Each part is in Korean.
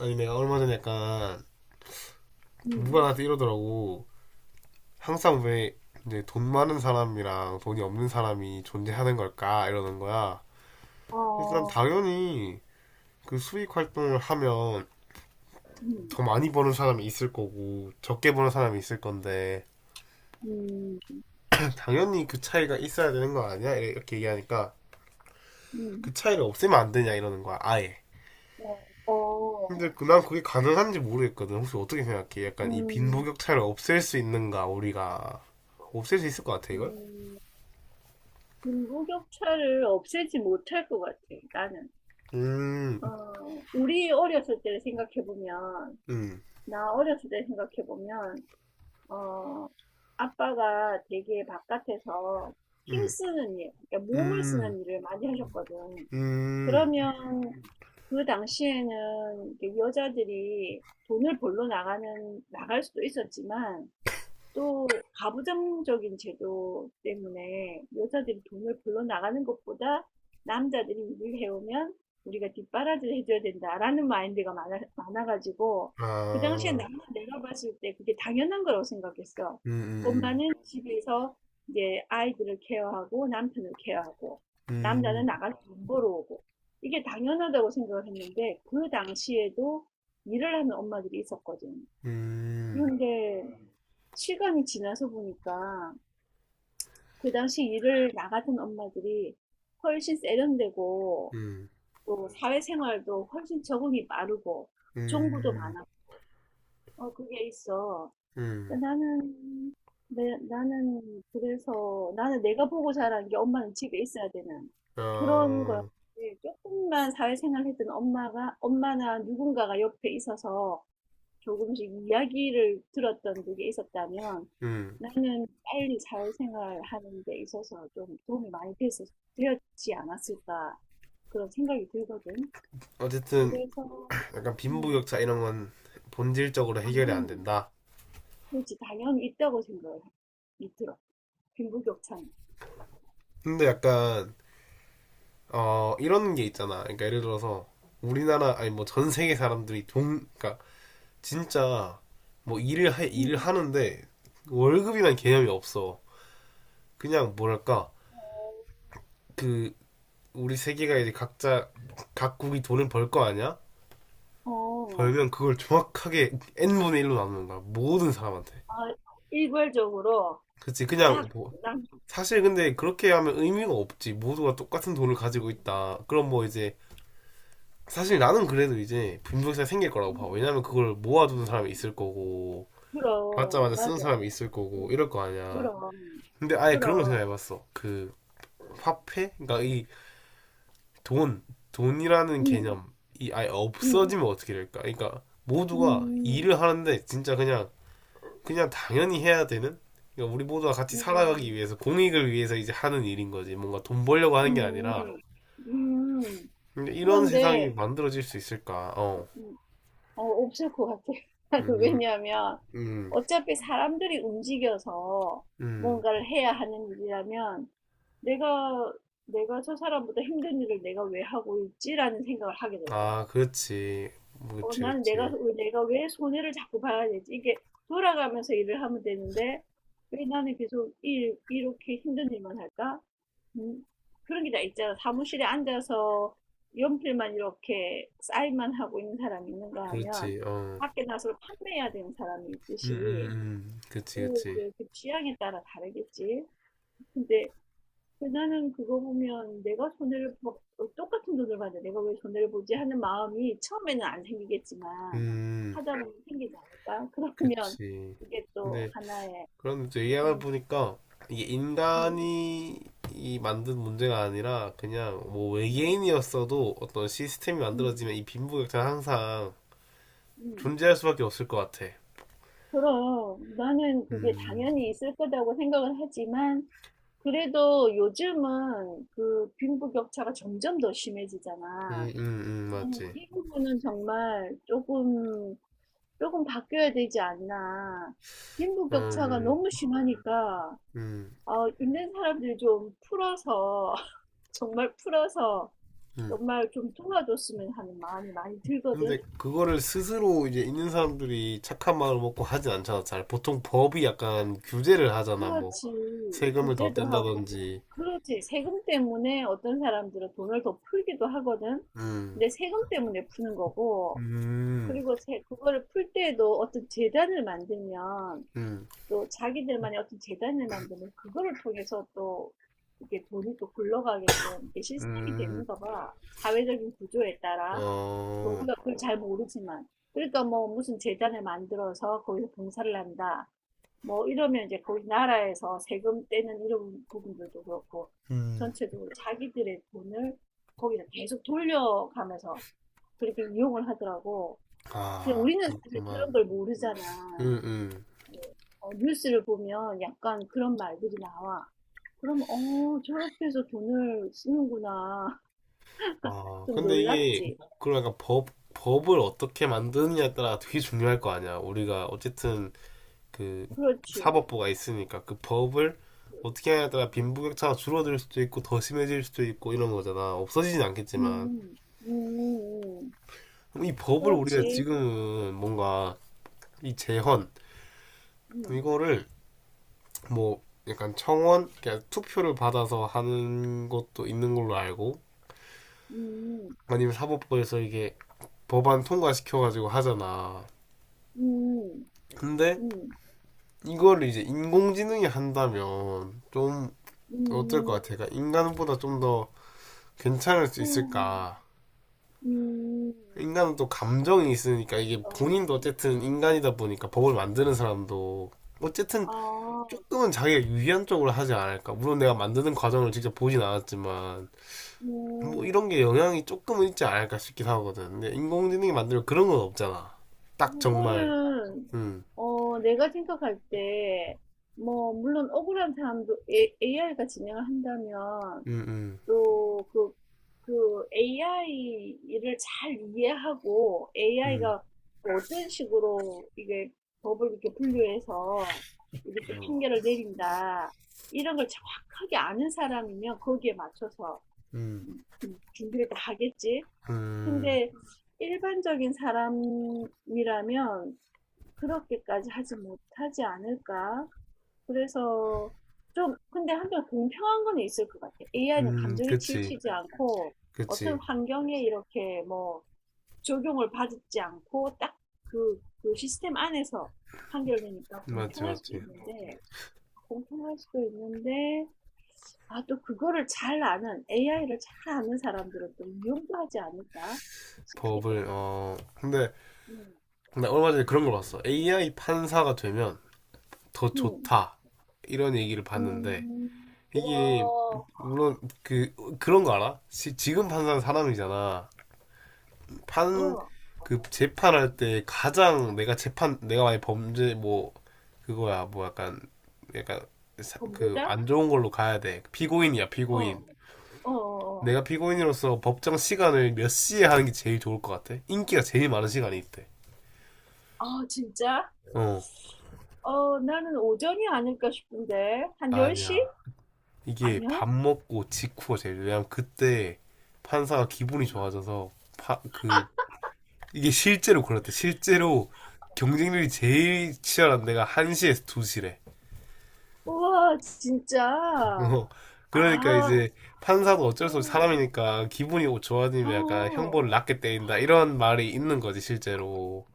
아니 내가 얼마 전에 약간 누가 음, 나한테 이러더라고. 항상 왜 이제 돈 많은 사람이랑 돈이 없는 사람이 존재하는 걸까 이러는 거야. 그래서 난 어, 당연히 그 수익 활동을 하면 음, 더 많이 버는 사람이 있을 거고 적게 버는 사람이 있을 건데 음, 당연히 그 차이가 있어야 되는 거 아니야? 이렇게 얘기하니까 음, 그 차이를 없애면 안 되냐 이러는 거야 아예. 어, 근데 어, 난 그게 가능한지 모르겠거든. 혹시 어떻게 생각해? 약간 이 음, 빈부격차를 없앨 수 있는가 우리가 없앨 수 있을 것 같아 이걸? 음, 빈부격차를 없애지 못할 것 같아, 나는. 음, 우리 어렸을 때를 생각해보면, 음, 나 어렸을 때 생각해보면, 어, 아빠가 되게 바깥에서 음, 힘쓰는 일, 그러니까 몸을 음, 쓰는 일을 많이 하셨거든. 음, 그러면 그 당시에는 이렇게 여자들이 돈을 벌러 나가는, 나갈 수도 있었지만, 또 가부장적인 제도 때문에 여자들이 돈을 벌러 나가는 것보다 남자들이 일을 해오면 우리가 뒷바라지를 해줘야 된다라는 마인드가 많아가지고 그 당시에 아, 나는 내가 봤을 때 그게 당연한 거라고 생각했어. 음, 음, 엄마는 집에서 이제 아이들을 케어하고 남편을 케어하고 남자는 음, 나가서 돈 벌어오고 이게 당연하다고 생각을 했는데 그 당시에도 일을 하는 엄마들이 있었거든. 음, 그런데 시간이 지나서 보니까 그 당시 일을 나 같은 엄마들이 훨씬 세련되고 음, 또 사회생활도 훨씬 적응이 빠르고 정보도 음, 많아. 어, 그게 있어. 음, 근데 나는, 내, 나는 그래서 나는 내가 보고 자란 게 엄마는 집에 있어야 되는 그런 거였지. 아, 조금만 사회생활 했던 엄마가, 엄마나 누군가가 옆에 있어서 조금씩 이야기를 들었던 그게 있었다면 음. 나는 빨리 사회생활 하는 데 있어서 좀 도움이 많이 되었지 않았을까 그런 생각이 들거든. 어쨌든 그래서 약간 음, 빈부격차 이런 건 본질적으로 해결이 안 당연히 된다. 그렇지 당연히 있다고 생각을 이 들어. 빈부격차는. 근데 약간 어 이런 게 있잖아. 그러니까 예를 들어서 우리나라 아니 뭐 전 세계 사람들이 돈 그러니까 진짜 뭐 일을 음. 하는데 월급이란 개념이 없어. 그냥 뭐랄까 그 우리 세계가 이제 각자 각국이 돈을 벌 거 아니야? 어, 벌면 그걸 정확하게 n분의 1로 나누는 거야 모든 사람한테. 아, 일괄적으로 그치 그냥 쫙 뭐 남, 사실 근데 그렇게 하면 의미가 없지. 모두가 똑같은 돈을 가지고 음, 있다 그럼 뭐 이제 사실 나는 그래도 이제 빈부격차가 생길 거라고 봐. 음, 왜냐면 그걸 모아두는 사람이 음, 있을 거고 받자마자 그럼, 쓰는 맞아. 사람이 있을 거고 이럴 음, 거 아니야. 그럼, 근데 아예 그런 거 그럼. 생각해봤어? 그 화폐? 그러니까 이 돈 돈이라는 음, 개념이 아예 음, 없어지면 어떻게 될까? 그러니까 모두가 음, 일을 하는데 진짜 그냥 당연히 해야 되는, 그러니까 우리 모두가 같이 살아가기 음, 위해서 공익을 위해서 이제 하는 일인 거지, 뭔가 돈 벌려고 하는 게 음, 아니라. 음. 근데 이런 세상이 그런데, 만들어질 수 있을까? 어, 음, 없을 것 같아. 음, 왜냐하면, 음, 어차피 사람들이 움직여서 음, 뭔가를 해야 하는 일이라면, 내가, 내가 저 사람보다 힘든 일을 내가 왜 하고 있지라는 생각을 하게 될 거야. 아, 그렇지, 그렇지, 나는 그렇지, 내가 왜 손해를 자꾸 봐야 되지? 이게 돌아가면서 일을 하면 되는데 왜 나는 계속 이렇게 힘든 일만 할까? 음, 그런 게 다 있잖아. 사무실에 앉아서 연필만 이렇게 쌓일만 하고 있는 사람이 있는가 하면 그렇지, 어, 밖에 나서 판매해야 되는 사람이 있듯이 그렇지, 또 그렇지, 이제 그 취향에 따라 다르겠지. 근데 근데 나는 그거 보면 '내가 손해를 보 어 똑같은 돈을 받는데 내가 왜 손해를 보지?' 하는 마음이 처음에는 안 생기겠지만 음, 하다 네. 보면 생기지 않을까? 그러면 그렇지. 그게 또 근데 하나의 그런데 또 얘기하다 음 보니까 이게 음 인간이 이 만든 문제가 아니라 그냥 뭐 음 외계인이었어도 어떤 시스템이 음 만들어지면 이 빈부격차는 항상 음 존재할 수밖에 없을 것 같아. 그럼 나는 그게 음, 당연히 있을 거라고 생각을 하지만 그래도 요즘은 그 빈부격차가 점점 더 심해지잖아. 나는 맞지. 이 부분은 정말 조금 조금 바뀌어야 되지 않나. 빈부격차가 음, 너무 심하니까, 음, 있는 사람들 좀 풀어서, 정말 풀어서, 음. 정말 좀 도와줬으면 하는 마음이 많이 근데 들거든. 그거를 스스로 이제 있는 사람들이 착한 마음을 먹고 하진 않잖아. 잘 보통 법이 약간 규제를 하잖아. 뭐 그렇지. 세금을 더 규제도 하고, 뗀다든지. 그렇지. 세금 때문에 어떤 사람들은 돈을 더 풀기도 하거든. 음, 근데 세금 때문에 푸는 거고, 음, 그리고 세, 그거를 풀 때에도 어떤 재단을 만들면, 음, 또 자기들만의 어떤 재단을 만드는 그거를 통해서 또 이게 돈이 또 굴러가게끔 이게 시스템이 음. 되는가 봐. 사회적인 구조에 따라. 뭐 어, 우리가 그걸 잘 모르지만. 그러니까 뭐 무슨 재단을 만들어서 거기서 봉사를 한다. 뭐 이러면 이제 거기 나라에서 세금 떼는 이런 부분들도 그렇고 음. 전체적으로 자기들의 돈을 거기다 계속 돌려가면서 그렇게 이용을 하더라고. 근데 아, 우리는 사실 그런 그렇구만. 걸 모르잖아. 음, 음. 뉴스를 보면 약간 그런 말들이 나와. 그럼, 저렇게 해서 돈을 쓰는구나. 아, 좀 근데 이게, 놀랍지. 그러니까 법, 법을 어떻게 만드느냐에 따라 되게 중요할 거 아니야. 우리가 어쨌든 그 그렇지. 사법부가 있으니까 그 법을 어떻게 하냐에 따라 음, 빈부격차가 줄어들 수도 있고 더 심해질 수도 있고 이런 거잖아. 없어지진 않겠지만. 음, 음, 음. 그럼 이 법을 우리가 그렇지. 지금은 뭔가 이 재헌, 음, 이거를 뭐 약간 청원, 그러니까 투표를 받아서 하는 것도 있는 걸로 알고 음, 아니면 사법부에서 이게 법안 통과시켜가지고 하잖아. 음, 근데 음, 이거를 이제 인공지능이 한다면 좀 어떨 것 음, 같아? 그러니까 인간보다 좀 더 괜찮을 수 음, 있을까? 음, 인간은 또 감정이 있으니까 이게 어, 본인도 어쨌든 인간이다 보니까 법을 만드는 사람도 어쨌든 아, 조금은 자기가 유리한 쪽으로 하지 않을까. 물론 내가 만드는 과정을 직접 보진 않았지만 뭐 음. 이런 게 영향이 조금은 있지 않을까 싶기도 하거든. 근데 인공지능이 만들면 그런 건 없잖아. 딱 정말 그거는 음 내가 생각할 때 뭐 물론 억울한 사람도 AI가 진행을 한다면 음, 음, 또 그 AI를 잘 이해하고 음, AI가 어떤 식으로 이게 법을 이렇게 분류해서 이렇게 어. 판결을 내린다 이런 걸 정확하게 아는 사람이면 거기에 맞춰서 음, 준비를 다 하겠지. 음, 근데 일반적인 사람이라면 그렇게까지 하지 못하지 않을까? 그래서 좀, 근데 한편 공평한 건 있을 것 같아. AI는 감정이 그치, 치우치지 않고, 어떤 그치. 환경에 이렇게 뭐, 적용을 받지 않고, 딱 그, 그 시스템 안에서 판결되니까 맞지, 공평할 수도 맞지. 있는데, 공평할 수도 있는데, 아, 또 그거를 잘 아는, AI를 잘 아는 사람들은 또 위험하지 않을까 싶기도 법을, 해. 어, 근데, 음, 나 얼마 전에 그런 걸 봤어. AI 판사가 되면 더 음, 좋다. 이런 얘기를 봤는데, 이게, 와, 물론, 그, 그런 거 알아? 지금 판사는 사람이잖아. 판, 어. 그, 재판할 때 가장 내가 재판, 내가 만약 범죄, 뭐, 그거야, 뭐 약간, 약간, 전부 그, 자 안 좋은 걸로 가야 돼. 피고인이야, 어, 피고인. 어, 어. 내가 피고인으로서 법정 시간을 몇 시에 하는 게 제일 좋을 것 같아? 인기가 제일 많은 시간이 있대. 아, 진짜? 어, 나는 오전이 아닐까 싶은데. 한 10시? 아니야. 이게 아니야? 밥 먹고 직후가 제일, 왜냐면 그때 판사가 기분이 좋아져서, 파, 그, 이게 실제로 그렇대. 실제로 경쟁률이 제일 치열한 데가 1시에서 2시래. 우와, 진짜. 어, 그러니까 아, 이제 판사도 어쩔 수 없이 음, 사람이니까 기분이 좋아지면 약간 어. 형벌을 낮게 때린다. 이런 말이 있는 거지, 실제로.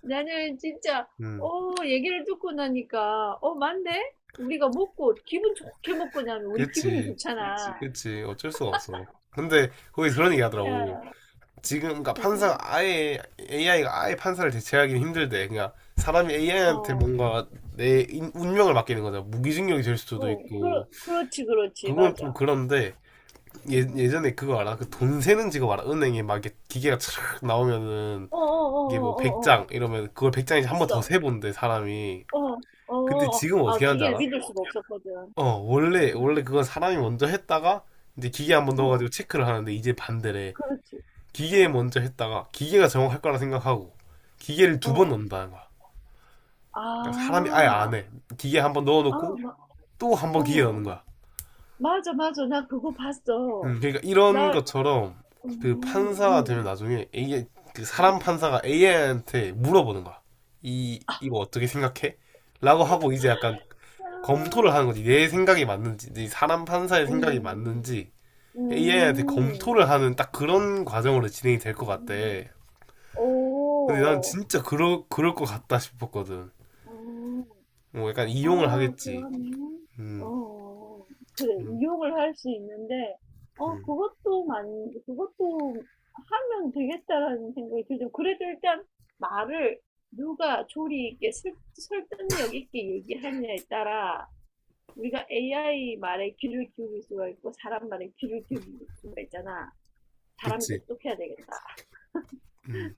나는 진짜, 음, 얘기를 듣고 나니까, 어, 맞네? 우리가 먹고, 기분 좋게 먹고 나면 우리 기분이 그치. 좋잖아. 그치, 어쩔 수가 없어. 근데 거기 그런 얘기 하더라고. 야, 지금, 그러니까 어, 판사가 아예, AI가 아예 판사를 대체하기는 힘들대. 그러니까 사람이 AI한테 어, 뭔가 운명을 맡기는 거잖아. 무기징역이 될 수도 어, 있고. 그렇지, 그렇지, 그건 좀 맞아. 그런데, 예, 음. 예전에 그거 알아? 그 돈 세는 직업 알아? 은행에 막 이렇게 기계가 촤악 나오면은, 어, 어, 이게 뭐 어, 어, 어, 어. 100장 이러면 그걸 100장이지 한 번 더 있어. 세본대, 사람이. 어, 어, 근데 어. 지금 아, 어떻게 하는지 기계를 알아? 믿을 수가 없었거든. 어, 응, 원래 그건 사람이 먼저 했다가, 이제 기계 한 번 어, 넣어가지고 체크를 하는데, 이제 반대래. 그렇지. 기계에 어, 먼저 했다가 기계가 정확할 거라 생각하고 기계를 두 번 어, 넣는다는 거야. 그러니까 아, 사람이 아예 안 해. 기계 한번 아, 넣어놓고 마, 또 한번 기계 넣는 어, 거야. 맞아, 맞아. 나 그거 봤어. 그러니까 이런 나, 것처럼 그 음, 판사가 되면 음, 나중에 이게 그 사람 음. 판사가 AI한테 물어보는 거야. 이 이거 어떻게 생각해? 라고 하고 이제 약간 아, 검토를 하는 거지. 내 생각이 맞는지, 내 사람 판사의 생각이 음, 맞는지 AI한테 음, 검토를 하는 딱 그런 과정으로 진행이 될 것 음, 같대. 근데 난 오, 진짜 그럴 것 같다 싶었거든. 오 뭐 약간 이용을 아, 하겠지. 그러면, 어, 음, 어, 어. 그래, 음, 이용을 할 수 있는데, 어, 음. 그것도 만, 그것도 하면 되겠다라는 생각이 들죠. 그래도 일단 말을 누가 조리 있게 설득력 있게 얘기하느냐에 따라 우리가 AI 말에 귀를 기울일 수가 있고 사람 말에 귀를 기울일 수가 있잖아. 사람이 그치. 똑똑해야 되겠다. 음,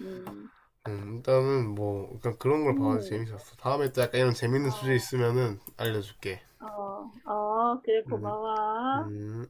음, 일단은 뭐 약간 그런 걸 봐도 음, 재밌었어. 다음에 또 약간 이런 재밌는 주제 어, 있으면은 알려줄게. 어, 어, 그래, 음, 고마워. 음.